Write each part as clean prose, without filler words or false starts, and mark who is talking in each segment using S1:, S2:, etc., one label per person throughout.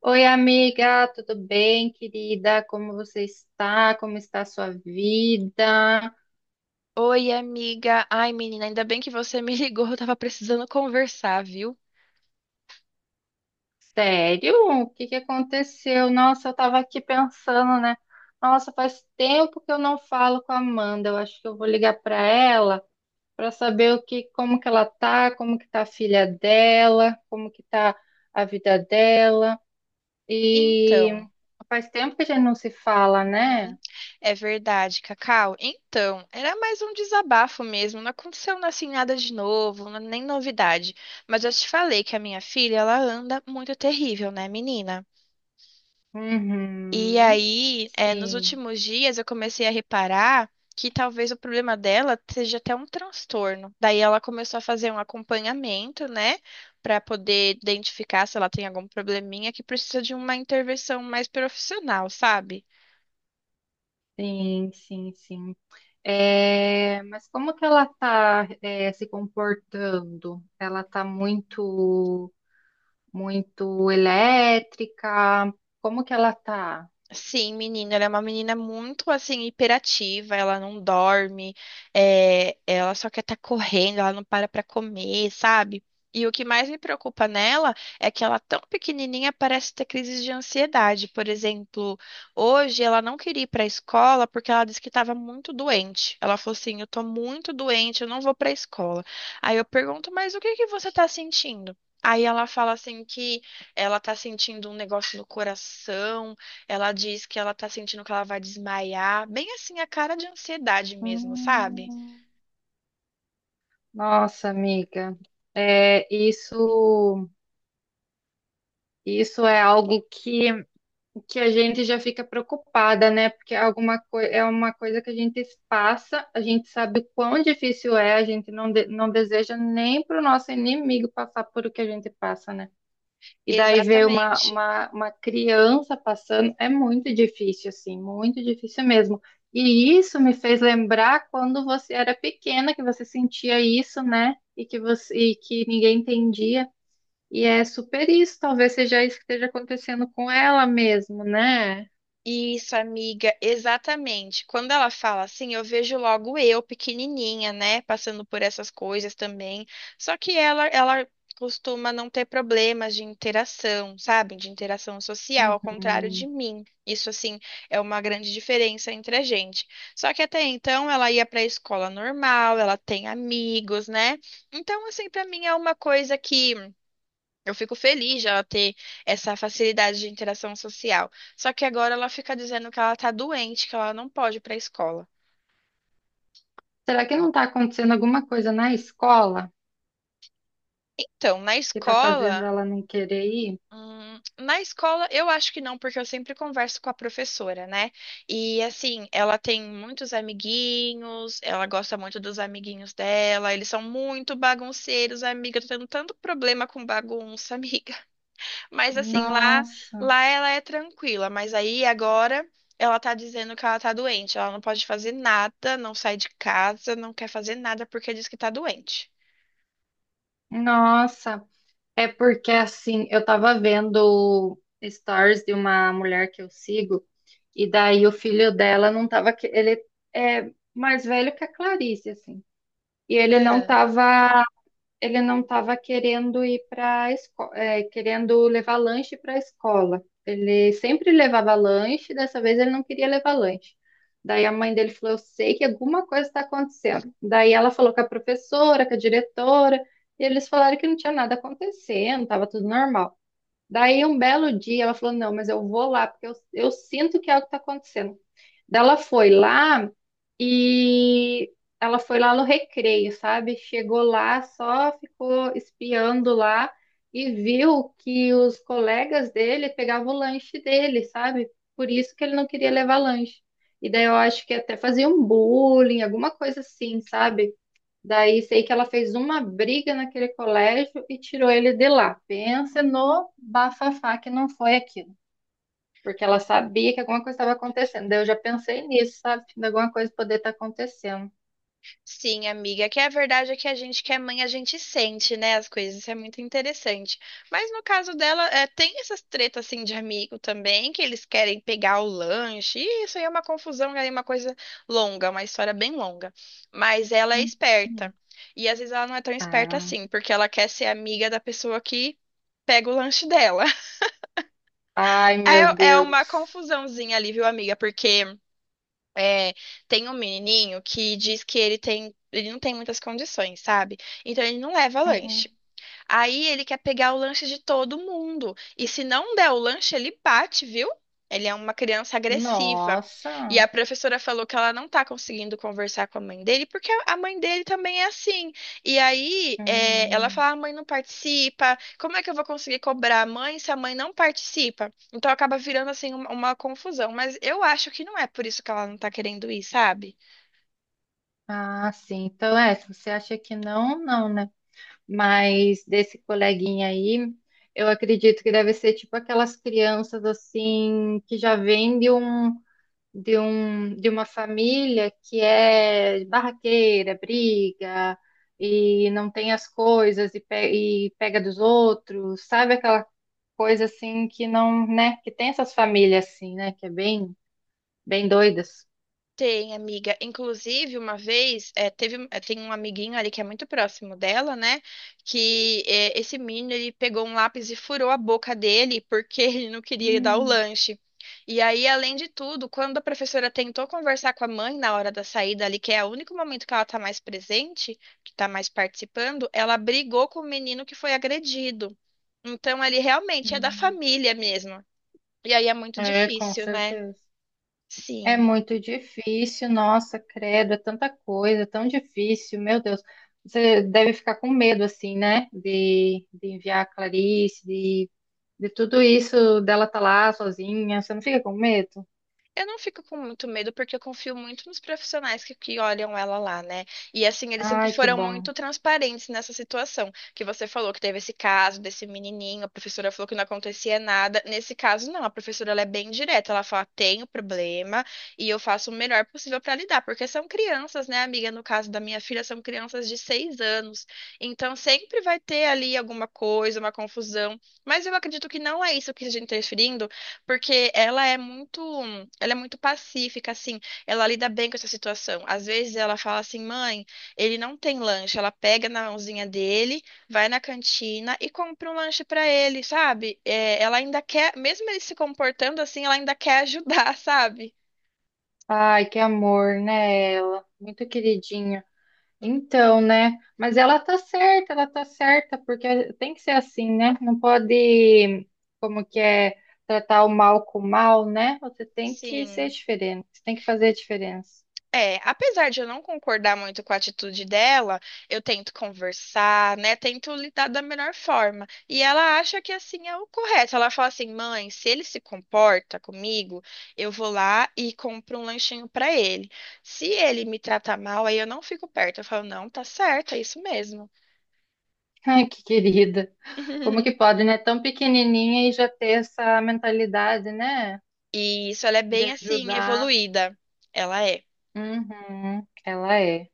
S1: Oi, amiga, tudo bem, querida? Como você está? Como está a sua vida?
S2: Oi, amiga. Ai, menina, ainda bem que você me ligou, eu tava precisando conversar, viu?
S1: Sério? O que que aconteceu? Nossa, eu estava aqui pensando, né? Nossa, faz tempo que eu não falo com a Amanda. Eu acho que eu vou ligar para ela para saber o que, como que ela tá, como que tá a filha dela, como que tá a vida dela. E
S2: Então,
S1: faz tempo que a gente não se fala, né?
S2: hum, É verdade, Cacau. Então, era mais um desabafo mesmo, não aconteceu assim nada de novo, nem novidade. Mas eu te falei que a minha filha, ela anda muito terrível, né, menina? E
S1: Uhum.
S2: aí, nos
S1: Sim,
S2: últimos dias, eu comecei a reparar que talvez o problema dela seja até um transtorno. Daí ela começou a fazer um acompanhamento, né, para poder identificar se ela tem algum probleminha que precisa de uma intervenção mais profissional, sabe?
S1: sim, sim, sim. É, mas como que ela está se comportando? Ela está muito, muito elétrica? Como que ela está?
S2: Sim, menina, ela é uma menina muito assim hiperativa, ela não dorme, é, ela só quer estar correndo, ela não para para comer, sabe? E o que mais me preocupa nela é que ela tão pequenininha parece ter crises de ansiedade. Por exemplo, hoje ela não queria ir para a escola porque ela disse que estava muito doente. Ela falou assim: "Eu tô muito doente, eu não vou para a escola". Aí eu pergunto: "Mas o que que você tá sentindo?" Aí ela fala assim que ela tá sentindo um negócio no coração, ela diz que ela tá sentindo que ela vai desmaiar, bem assim, a cara de ansiedade mesmo, sabe?
S1: Hum, nossa, amiga, é, isso é algo que a gente já fica preocupada, né? Porque é é uma coisa que a gente passa, a gente sabe o quão difícil é, a gente não deseja nem para o nosso inimigo passar por o que a gente passa, né? E daí ver uma,
S2: Exatamente.
S1: uma, uma criança passando é muito difícil, assim, muito difícil mesmo. E isso me fez lembrar quando você era pequena, que você sentia isso, né? E que você, e que ninguém entendia. E é super isso, talvez seja isso que esteja acontecendo com ela mesmo, né?
S2: Isso, amiga, exatamente. Quando ela fala assim, eu vejo logo eu, pequenininha, né, passando por essas coisas também. Só que ela costuma não ter problemas de interação, sabe? De interação social, ao contrário de
S1: Uhum.
S2: mim. Isso, assim, é uma grande diferença entre a gente. Só que até então ela ia para a escola normal, ela tem amigos, né? Então, assim, para mim é uma coisa que. Eu fico feliz de ela ter essa facilidade de interação social. Só que agora ela fica dizendo que ela tá doente, que ela não pode ir pra escola.
S1: Será que não está acontecendo alguma coisa na escola
S2: Então, na
S1: que está fazendo
S2: escola.
S1: ela não querer ir?
S2: Hum, na escola, eu acho que não, porque eu sempre converso com a professora, né? E assim, ela tem muitos amiguinhos, ela gosta muito dos amiguinhos dela, eles são muito bagunceiros, amiga. Eu tô tendo tanto problema com bagunça, amiga. Mas assim, lá,
S1: Nossa,
S2: lá ela é tranquila, mas aí agora ela tá dizendo que ela tá doente. Ela não pode fazer nada, não sai de casa, não quer fazer nada porque diz que tá doente.
S1: nossa. É porque assim, eu tava vendo stories de uma mulher que eu sigo, e daí o filho dela não tava. Ele é mais velho que a Clarice, assim. E ele não
S2: É.
S1: tava ele não estava querendo ir para escola, querendo levar lanche para a escola. Ele sempre levava lanche, dessa vez ele não queria levar lanche. Daí a mãe dele falou: "Eu sei que alguma coisa está acontecendo". Daí ela falou com a professora, com a diretora, e eles falaram que não tinha nada acontecendo, estava tudo normal. Daí um belo dia ela falou: "Não, mas eu vou lá, porque eu sinto que algo está acontecendo". Daí ela foi lá e ela foi lá no recreio, sabe? Chegou lá, só ficou espiando lá e viu que os colegas dele pegavam o lanche dele, sabe? Por isso que ele não queria levar lanche. E daí eu acho que até fazia um bullying, alguma coisa assim, sabe? Daí sei que ela fez uma briga naquele colégio e tirou ele de lá. Pensa no bafafá que não foi aquilo, porque ela sabia que alguma coisa estava acontecendo. Daí eu já pensei nisso, sabe? De alguma coisa poder estar acontecendo.
S2: Sim, amiga, que é a verdade é que a gente que é mãe, a gente sente, né, as coisas, isso é muito interessante. Mas no caso dela, é, tem essas tretas, assim, de amigo também, que eles querem pegar o lanche, e isso aí é uma confusão, é uma coisa longa, uma história bem longa. Mas ela é
S1: Uhum.
S2: esperta, e às vezes ela não é tão esperta
S1: Ah.
S2: assim, porque ela quer ser amiga da pessoa que pega o lanche dela.
S1: Ai, meu
S2: É, é uma
S1: Deus.
S2: confusãozinha ali, viu, amiga, porque... É, tem um menininho que diz que ele tem, ele não tem muitas condições, sabe? Então ele não leva
S1: Uhum.
S2: lanche. Aí ele quer pegar o lanche de todo mundo. E se não der o lanche, ele bate, viu? Ele é uma criança agressiva. E
S1: Nossa.
S2: a professora falou que ela não tá conseguindo conversar com a mãe dele, porque a mãe dele também é assim. E aí, é, ela
S1: Hum.
S2: fala: a mãe não participa, como é que eu vou conseguir cobrar a mãe se a mãe não participa? Então acaba virando assim uma confusão. Mas eu acho que não é por isso que ela não tá querendo ir, sabe?
S1: Ah, sim. Então, é, se você acha que não, não, né? Mas desse coleguinha aí, eu acredito que deve ser tipo aquelas crianças assim que já vêm de, de uma família que é barraqueira, briga e não tem as coisas e pega dos outros, sabe aquela coisa assim que não, né, que tem essas famílias assim, né, que é bem, bem doidas.
S2: Tem, amiga. Inclusive, uma vez, é, teve, é, tem um amiguinho ali que é muito próximo dela, né? Que é, esse menino, ele pegou um lápis e furou a boca dele porque ele não queria dar o
S1: Hum,
S2: lanche. E aí, além de tudo, quando a professora tentou conversar com a mãe na hora da saída ali, que é o único momento que ela tá mais presente, que tá mais participando, ela brigou com o menino que foi agredido. Então, ele realmente é da
S1: hum.
S2: família mesmo. E aí é muito
S1: É, com
S2: difícil, né?
S1: certeza. É
S2: Sim.
S1: muito difícil, nossa, credo, é tanta coisa, é tão difícil, meu Deus. Você deve ficar com medo, assim, né? De enviar a Clarice, de tudo isso, dela tá lá sozinha. Você não fica com medo?
S2: Eu não fico com muito medo porque eu confio muito nos profissionais que olham ela lá, né? E assim, eles sempre
S1: Ai, que
S2: foram
S1: bom.
S2: muito transparentes nessa situação. Que você falou que teve esse caso desse menininho, a professora falou que não acontecia nada. Nesse caso, não, a professora ela é bem direta. Ela fala: tenho problema e eu faço o melhor possível para lidar, porque são crianças, né, amiga? No caso da minha filha, são crianças de 6 anos. Então sempre vai ter ali alguma coisa, uma confusão. Mas eu acredito que não é isso que a gente está referindo porque ela é muito pacífica, assim, ela lida bem com essa situação. Às vezes ela fala assim, mãe, ele não tem lanche. Ela pega na mãozinha dele, vai na cantina e compra um lanche pra ele, sabe? É, ela ainda quer, mesmo ele se comportando assim, ela ainda quer ajudar, sabe?
S1: Ai, que amor, né, ela? Muito queridinha. Então, né? Mas ela tá certa, porque tem que ser assim, né? Não pode, como que é, tratar o mal com o mal, né? Você tem que ser
S2: Sim.
S1: diferente, você tem que fazer a diferença.
S2: É, apesar de eu não concordar muito com a atitude dela, eu tento conversar, né? Tento lidar da melhor forma. E ela acha que assim é o correto. Ela fala assim: "Mãe, se ele se comporta comigo, eu vou lá e compro um lanchinho pra ele. Se ele me tratar mal, aí eu não fico perto". Eu falo: "Não, tá certo, é isso mesmo".
S1: Ai, que querida. Como que pode, né? Tão pequenininha e já ter essa mentalidade, né?
S2: E isso ela é
S1: De
S2: bem assim
S1: ajudar.
S2: evoluída. Ela é.
S1: Uhum, ela é.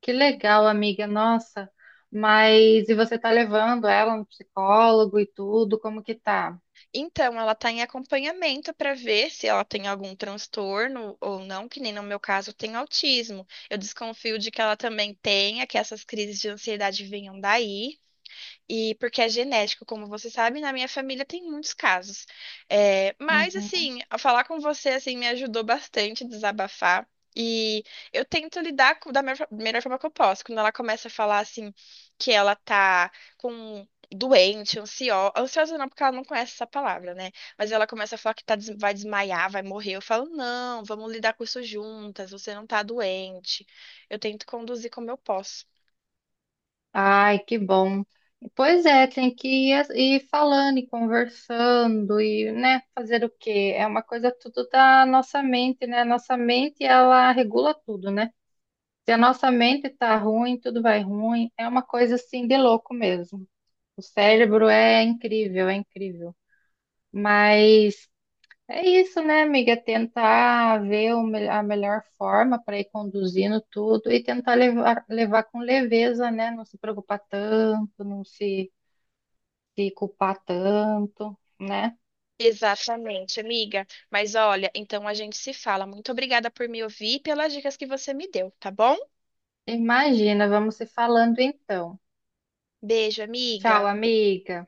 S1: Que legal, amiga, nossa. Mas e você tá levando ela no psicólogo e tudo? Como que tá?
S2: Então, ela está em acompanhamento para ver se ela tem algum transtorno ou não, que nem no meu caso tem autismo. Eu desconfio de que ela também tenha, que essas crises de ansiedade venham daí. E porque é genético, como você sabe, na minha família tem muitos casos. É, mas,
S1: Uhum.
S2: assim, ao falar com você, assim, me ajudou bastante a desabafar. E eu tento da melhor forma que eu posso. Quando ela começa a falar, assim, que ela tá com um doente, ansiosa. Ansiosa não, porque ela não conhece essa palavra, né? Mas ela começa a falar que vai desmaiar, vai morrer. Eu falo, não, vamos lidar com isso juntas. Você não tá doente. Eu tento conduzir como eu posso.
S1: Ai, que bom. Pois é, tem que ir, ir falando e conversando e, né, fazer o quê? É uma coisa tudo da nossa mente, né? Nossa mente, ela regula tudo, né? Se a nossa mente tá ruim, tudo vai ruim. É uma coisa assim de louco mesmo. O
S2: É.
S1: cérebro é incrível, é incrível. Mas é isso, né, amiga? Tentar ver a melhor forma para ir conduzindo tudo e tentar levar, levar com leveza, né? Não se preocupar tanto, se culpar tanto, né?
S2: Exatamente, amiga. Mas olha, então a gente se fala. Muito obrigada por me ouvir e pelas dicas que você me deu, tá bom?
S1: Imagina, vamos se falando então.
S2: Beijo,
S1: Tchau,
S2: amiga.
S1: amiga.